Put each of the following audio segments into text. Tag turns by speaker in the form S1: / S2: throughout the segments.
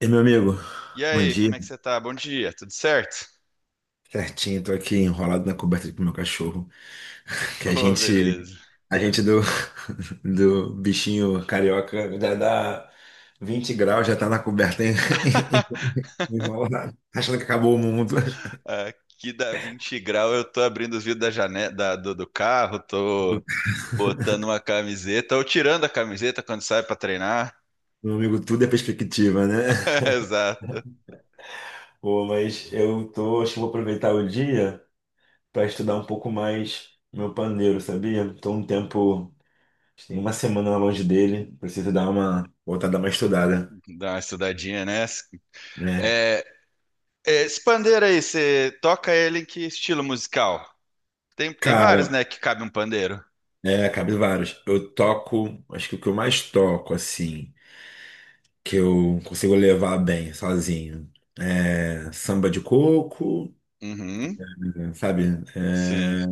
S1: E meu amigo,
S2: E
S1: bom
S2: aí,
S1: dia.
S2: como é que você tá? Bom dia, tudo certo?
S1: Certinho, tô aqui enrolado na coberta com meu cachorro, que a
S2: Ô,
S1: gente,
S2: beleza.
S1: a gente do, do bichinho carioca já dá 20 graus, já tá na coberta enrolado, achando que acabou o mundo.
S2: Aqui dá 20 graus, eu tô abrindo os vidros da janela, do carro, tô botando uma camiseta, ou tirando a camiseta quando sai pra treinar.
S1: Meu amigo, tudo é perspectiva, né?
S2: Exato.
S1: Pô, mas eu tô, acho que vou aproveitar o dia para estudar um pouco mais meu pandeiro, sabia? Tô um tempo, acho que tem uma semana longe dele, preciso dar uma, voltar a dar uma estudada,
S2: Dá uma estudadinha nessa.
S1: né?
S2: É, é, esse pandeiro aí, você toca ele em que estilo musical? Tem vários,
S1: Cara,
S2: né, que cabe um pandeiro.
S1: é, cabe vários. Eu toco, acho que o que eu mais toco, assim, que eu consigo levar bem sozinho, é samba de coco,
S2: Uhum,
S1: sabe?
S2: sim.
S1: É,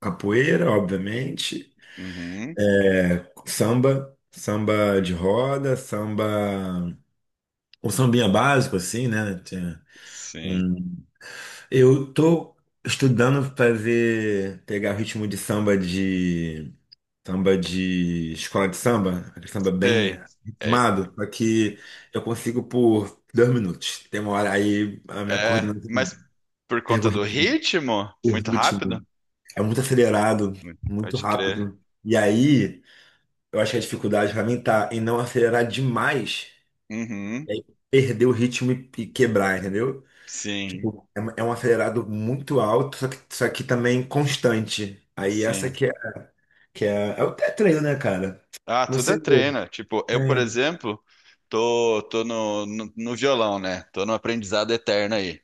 S1: capoeira, obviamente,
S2: Uhum,
S1: samba, samba de roda, samba, um sambinha básico, assim, né? Tem
S2: sim.
S1: um- Eu tô estudando fazer, pegar o ritmo de samba. Samba de escola de samba, aquele samba bem
S2: Sei. É.
S1: ritmado, só que eu consigo por dois minutos. Tem uma hora aí a minha
S2: É,
S1: coordenação
S2: mas por
S1: pega o
S2: conta do
S1: ritmo.
S2: ritmo,
S1: O
S2: muito rápido?
S1: ritmo é muito acelerado,
S2: Muito-
S1: muito
S2: Pode crer.
S1: rápido. E aí eu acho que a dificuldade pra mim tá em não acelerar demais
S2: Uhum,
S1: e aí perder o ritmo e quebrar, entendeu?
S2: sim,
S1: Tipo, é um acelerado muito alto, só que também constante. Aí essa
S2: sim.
S1: que é, é o treino, né, cara?
S2: Ah, tudo
S1: Você.
S2: é treino. Tipo, eu, por
S1: É,
S2: exemplo, tô no violão, né? Tô no aprendizado eterno aí.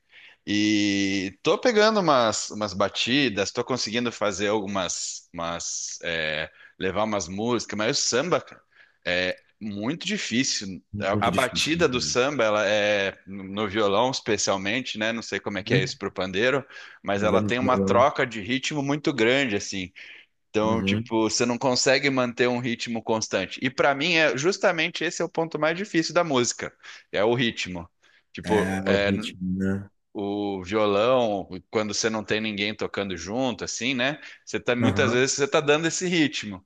S2: E tô pegando umas batidas, tô conseguindo fazer algumas, umas, levar umas músicas, mas o samba, cara, é muito difícil. A
S1: muito difícil, né?
S2: batida do samba, ela é, no violão especialmente, né? Não sei como é que é
S1: Né?
S2: isso pro pandeiro, mas ela
S1: Novela
S2: tem
S1: de
S2: uma
S1: verão.
S2: troca de ritmo muito grande, assim. Então,
S1: Uhum.
S2: tipo, você não consegue manter um ritmo constante. E pra mim é justamente esse é o ponto mais difícil da música, é o ritmo. Tipo,
S1: É, o ritmo, né?
S2: o violão, quando você não tem ninguém tocando junto, assim, né? Você tá muitas
S1: Aham,
S2: vezes você tá dando esse ritmo.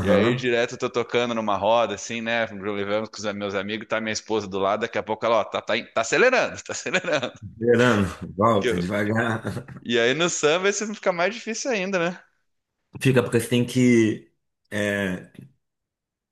S2: E aí direto eu tô tocando numa roda, assim, né? Levamos com os meus amigos, tá minha esposa do lado, daqui a pouco ela, ó, tá acelerando, tá acelerando.
S1: Verano,
S2: Que
S1: volta
S2: eu-
S1: devagar.
S2: E aí no samba isso fica mais difícil ainda, né?
S1: Fica porque você tem que é,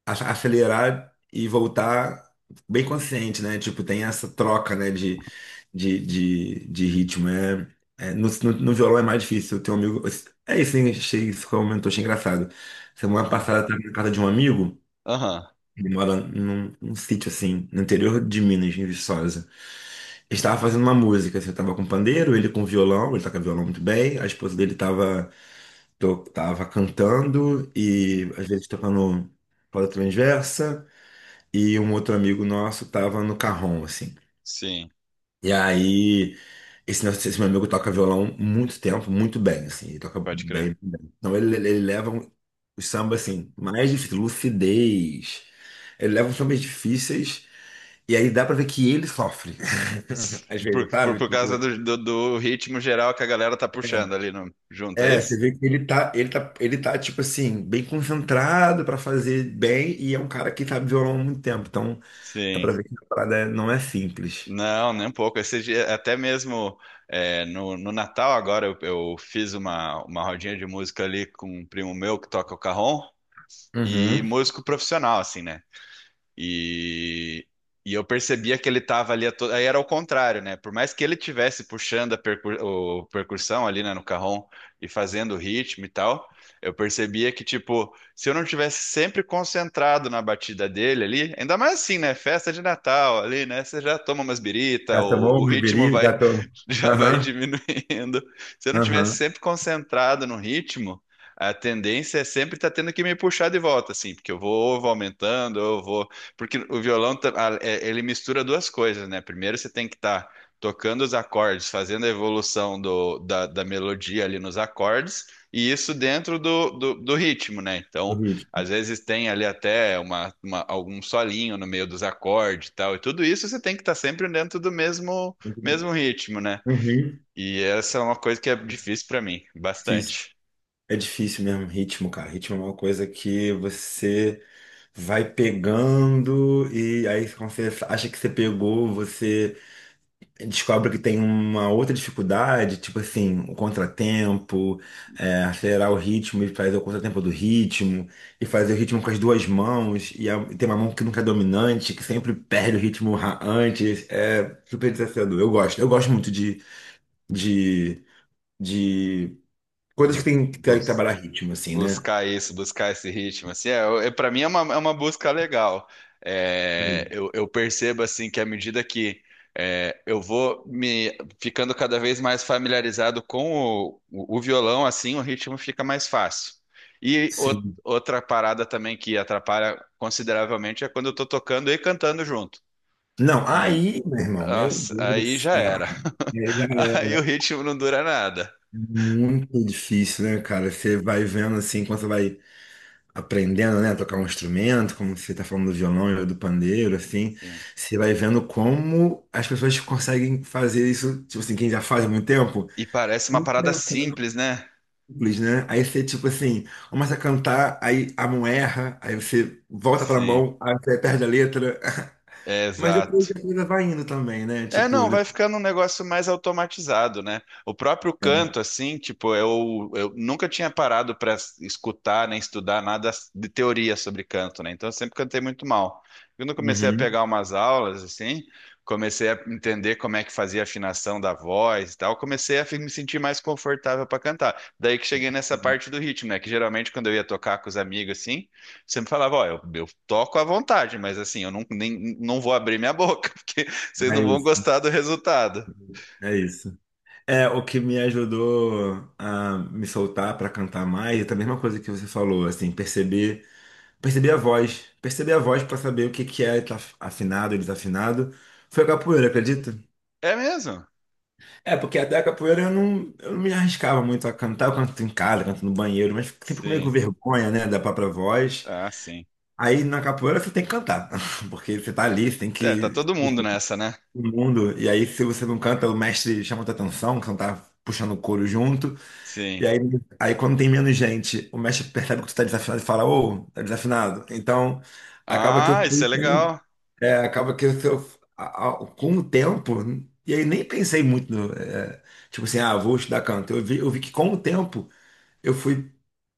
S1: acelerar e voltar bem consciente, né? Tipo, tem essa troca, né, de ritmo. É, é, no violão é mais difícil. Eu tenho um amigo. É isso, hein? Achei isso que eu achei engraçado. Semana
S2: Aham,
S1: passada eu estava na casa de um amigo.
S2: aham,
S1: Ele mora num, num sítio assim, no interior de Minas, em Viçosa. Ele estava fazendo uma música, assim, eu tava com pandeiro, ele com violão, ele toca violão muito bem, a esposa dele tava, tava cantando
S2: uhum,
S1: e às vezes tocando corda transversa, e um outro amigo nosso tava no carrom, assim.
S2: sim,
S1: E aí esse meu amigo toca violão muito tempo, muito bem, assim, ele toca
S2: pode crer.
S1: bem, bem. Então ele leva os sambas, assim, mais difíceis, lucidez, ele leva os sambas difíceis, e aí dá pra ver que ele sofre, às
S2: Por,
S1: vezes,
S2: por,
S1: sabe?
S2: por causa
S1: Tipo,
S2: do ritmo geral que a galera tá puxando ali no, junto, é
S1: é, você
S2: isso?
S1: vê que ele tá, ele tá, tipo assim, bem concentrado pra fazer bem, e é um cara que sabe violão há muito tempo, então dá pra
S2: Sim.
S1: ver que a parada não é simples.
S2: Não, nem um pouco. Esse dia, até mesmo no Natal agora eu fiz uma rodinha de música ali com um primo meu que toca o cajón e
S1: Uhum.
S2: músico profissional, assim, né? E, e eu percebia que ele estava ali, a to... aí era o contrário, né? Por mais que ele tivesse puxando a percu- o percussão ali, né, no carrom e fazendo o ritmo e tal, eu percebia que, tipo, se eu não tivesse sempre concentrado na batida dele ali, ainda mais assim, né? Festa de Natal ali, né? Você já toma umas birita,
S1: Já
S2: o,
S1: tomou
S2: o
S1: uma
S2: ritmo
S1: bebida?
S2: vai
S1: Já tomou.
S2: já vai
S1: Aham,
S2: diminuindo. Se eu não tivesse
S1: aham,
S2: sempre concentrado no ritmo, a tendência é sempre estar tendo que me puxar de volta, assim, porque eu vou aumentando, eu vou. Porque o violão, ele mistura duas coisas, né? Primeiro você tem que estar tocando os acordes, fazendo a evolução da melodia ali nos acordes, e isso dentro do ritmo, né?
S1: o.
S2: Então, às vezes tem ali até algum solinho no meio dos acordes e tal, e tudo isso você tem que estar sempre dentro do mesmo ritmo, né?
S1: Uhum.
S2: E essa é uma coisa que é difícil pra mim,
S1: Difícil.
S2: bastante.
S1: É difícil mesmo, ritmo, cara. Ritmo é uma coisa que você vai pegando e aí quando você acha que você pegou, você descobre que tem uma outra dificuldade, tipo assim, o contratempo, é, acelerar o ritmo e fazer o contratempo do ritmo, e fazer o ritmo com as duas mãos, e e tem uma mão que nunca é dominante, que sempre perde o ritmo antes. É super desafiador. Eu gosto muito de, de coisas que tem que
S2: Bus-
S1: trabalhar ritmo, assim, né?
S2: buscar isso, buscar esse ritmo, assim, para mim é uma busca legal. É,
S1: Hum.
S2: eu percebo assim que à medida que eu vou me ficando cada vez mais familiarizado com o violão, assim, o ritmo fica mais fácil. E o-
S1: Sim.
S2: Outra parada também que atrapalha consideravelmente é quando eu tô tocando e cantando junto.
S1: Não,
S2: E
S1: aí, meu irmão, meu
S2: nossa,
S1: Deus do
S2: aí já
S1: céu.
S2: era.
S1: É, já
S2: Aí
S1: é
S2: o ritmo não dura nada.
S1: muito difícil, né, cara? Você vai vendo assim, quando você vai aprendendo, né, a tocar um instrumento, como você tá falando do violão e do pandeiro, assim,
S2: Sim,
S1: você vai vendo como as pessoas conseguem fazer isso, tipo assim, quem já faz há muito tempo,
S2: e parece uma
S1: muito
S2: parada simples, né?
S1: simples, né? Aí você, tipo assim, começa a cantar, aí a mão erra, aí você volta pra
S2: Sim.
S1: mão, aí você perde a letra.
S2: É,
S1: Mas depois
S2: exato.
S1: a coisa vai indo também, né?
S2: É,
S1: Tipo,
S2: não, vai
S1: depois...
S2: ficando um negócio mais automatizado, né? O próprio
S1: É.
S2: canto, assim, tipo, eu nunca tinha parado para escutar nem estudar nada de teoria sobre canto, né? Então eu sempre cantei muito mal. Quando eu comecei a
S1: Uhum.
S2: pegar umas aulas, assim, comecei a entender como é que fazia a afinação da voz e tal, me sentir mais confortável para cantar. Daí que cheguei nessa parte do ritmo, né? Que geralmente quando eu ia tocar com os amigos, assim, sempre falava, ó, eu toco à vontade, mas assim, eu não vou abrir minha boca, porque vocês
S1: É
S2: não vão
S1: isso,
S2: gostar do resultado.
S1: é isso. É, o que me ajudou a me soltar para cantar mais, é a mesma coisa que você falou, assim, perceber, perceber a voz para saber o que que é tá afinado e desafinado, foi a capoeira, acredita?
S2: É mesmo?
S1: É, porque até a capoeira eu não me arriscava muito a cantar, eu canto em casa, canto no banheiro, mas fico sempre meio com
S2: Sim.
S1: vergonha, né, da própria voz.
S2: Ah, sim.
S1: Aí na capoeira você tem que cantar, porque você tá ali, você tem
S2: É, tá
S1: que
S2: todo mundo nessa, né?
S1: o mundo. E aí, se você não canta, o mestre chama tua atenção, que você não tá puxando o coro junto. E
S2: Sim.
S1: aí, aí quando tem menos gente, o mestre percebe que tu tá desafinado e fala, ô, tá desafinado. Então, acaba que
S2: Ah, isso é legal.
S1: é, acaba que com o tempo, e aí nem pensei muito no, é, tipo assim, ah, vou estudar canto. Eu vi que com o tempo eu fui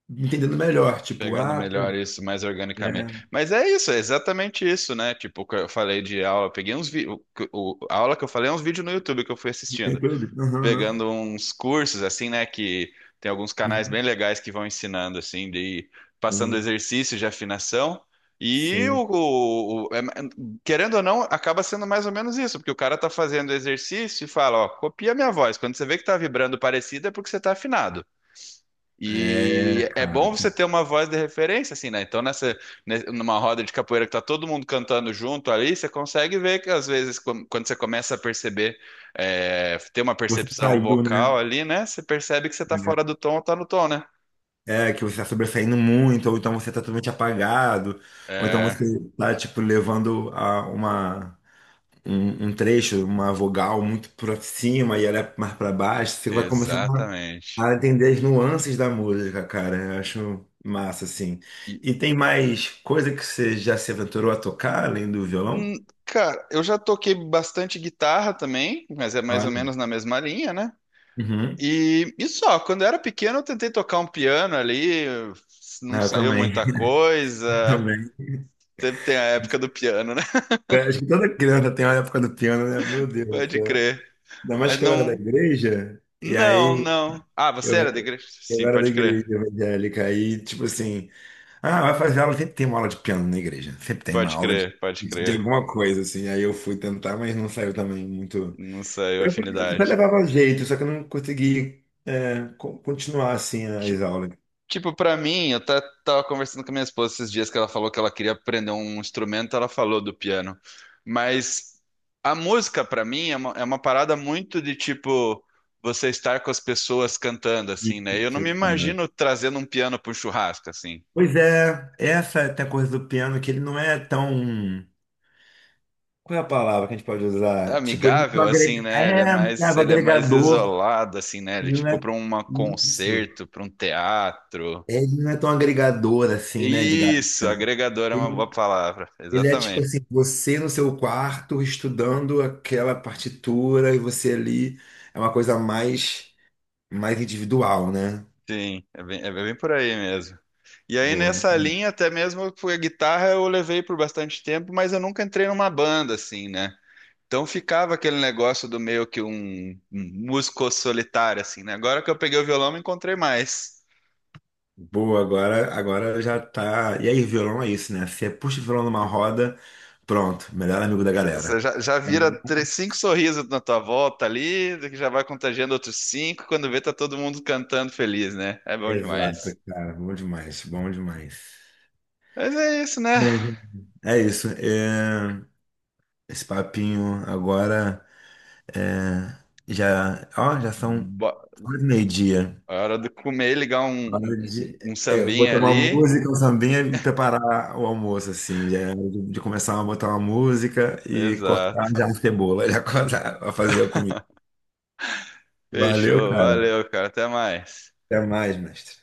S1: entendendo melhor, tipo,
S2: Pegando
S1: ah,
S2: melhor
S1: pô,
S2: isso, mais organicamente.
S1: é,
S2: Mas é isso, é exatamente isso, né? Tipo, o que eu falei de aula, eu peguei uns vídeos. A aula que eu falei é uns vídeos no YouTube que eu fui
S1: tem
S2: assistindo,
S1: clube. Aham, aham.
S2: pegando uns cursos assim, né, que tem alguns canais
S1: Uhum.
S2: bem legais que vão ensinando assim, de ir passando
S1: Sim,
S2: exercícios de afinação. E o,
S1: sim.
S2: o- o- é- Querendo ou não, acaba sendo mais ou menos isso, porque o cara tá fazendo exercício e fala, ó, copia minha voz. Quando você vê que tá vibrando parecido, é porque você tá afinado.
S1: É,
S2: E é
S1: cara.
S2: bom você ter uma voz de referência, assim, né? Então, nessa, numa roda de capoeira que tá todo mundo cantando junto ali, você consegue ver que às vezes, quando você começa a perceber, ter uma
S1: Você
S2: percepção
S1: saiu, né?
S2: vocal ali, né? Você percebe que você tá fora do tom ou tá no tom, né?
S1: É, é, que você está sobressaindo muito, ou então você está totalmente apagado, ou então
S2: É,
S1: você tá, tipo, levando a uma, um trecho, uma vogal muito pra cima e ela é mais pra baixo, você vai começando
S2: exatamente.
S1: a entender as nuances da música, cara. Eu acho massa, assim.
S2: E,
S1: E tem mais coisa que você já se aventurou a tocar, além do violão?
S2: hum, cara, eu já toquei bastante guitarra também, mas é mais ou
S1: Olha.
S2: menos na mesma linha, né?
S1: Uhum.
S2: Quando eu era pequeno eu tentei tocar um piano ali, não
S1: Ah, eu
S2: saiu
S1: também,
S2: muita coisa.
S1: também.
S2: Sempre tem a época do piano, né?
S1: Eu acho que toda criança tem a época do piano, né? Meu Deus do
S2: Pode
S1: céu.
S2: crer.
S1: Ainda mais
S2: Mas
S1: que eu era da
S2: não.
S1: igreja, e
S2: Não,
S1: aí...
S2: não. Ah, você
S1: eu
S2: era da igreja?
S1: Eu
S2: Sim,
S1: era da
S2: pode crer.
S1: igreja evangélica aí, tipo assim, ah, vai fazer aula, sempre tem uma aula de piano na igreja, sempre tem uma
S2: Pode
S1: aula
S2: crer, pode
S1: de
S2: crer.
S1: alguma coisa, assim. Aí eu fui tentar, mas não saiu também muito.
S2: Não saiu
S1: Eu até
S2: afinidade.
S1: levava jeito, só que eu não consegui, é, continuar, assim,
S2: Ti-
S1: as aulas.
S2: Tipo, pra mim, tava conversando com a minha esposa esses dias que ela falou que ela queria aprender um instrumento, ela falou do piano. Mas a música, pra mim, é uma parada muito de tipo. Você estar com as pessoas cantando, assim, né? Eu não me
S1: Isso, cara.
S2: imagino trazendo um piano para um churrasco, assim,
S1: Pois é, essa tem a coisa do piano que ele não é tão. Qual é a palavra que a gente pode usar? Tipo, ele não
S2: amigável, assim,
S1: agrega...
S2: né?
S1: é, é o
S2: Ele é mais
S1: agregador,
S2: isolado, assim, né? Ele,
S1: ele não
S2: tipo,
S1: é
S2: para um
S1: isso.
S2: concerto, para um teatro.
S1: Ele não é tão agregador assim, né, de galera.
S2: Isso, agregador é uma
S1: Ele,
S2: boa palavra,
S1: ele é tipo
S2: exatamente.
S1: assim, você no seu quarto estudando aquela partitura e você ali é uma coisa mais mais individual, né?
S2: Sim, é bem por aí mesmo. E aí
S1: Boa.
S2: nessa linha, até mesmo foi a guitarra, eu levei por bastante tempo, mas eu nunca entrei numa banda, assim, né? Então ficava aquele negócio do meio que um músico solitário, assim, né? Agora que eu peguei o violão, me encontrei mais.
S1: Boa, agora já tá. E aí, violão é isso, né? Você puxa o violão numa roda, pronto, melhor amigo da
S2: Já,
S1: galera.
S2: você já
S1: É.
S2: vira três, cinco sorrisos na tua volta ali, que já vai contagiando outros cinco, quando vê tá todo mundo cantando feliz, né? É bom
S1: Exato,
S2: demais.
S1: cara, bom demais, bom demais.
S2: Mas é isso, né?
S1: Bom, é isso. É, esse papinho agora. É, já, ó, já são
S2: Bo-
S1: quase meio-dia.
S2: A hora de comer, ligar um, um,
S1: Hora
S2: um
S1: de
S2: um
S1: é, eu
S2: sambinha
S1: botar uma
S2: ali.
S1: música, um sambinha e preparar o almoço, assim, já, de começar a botar uma música e cortar
S2: Exato.
S1: já a cebola, já cortar, a fazer a comida. Valeu,
S2: Fechou,
S1: cara.
S2: valeu, cara, até mais.
S1: Até mais, mestre.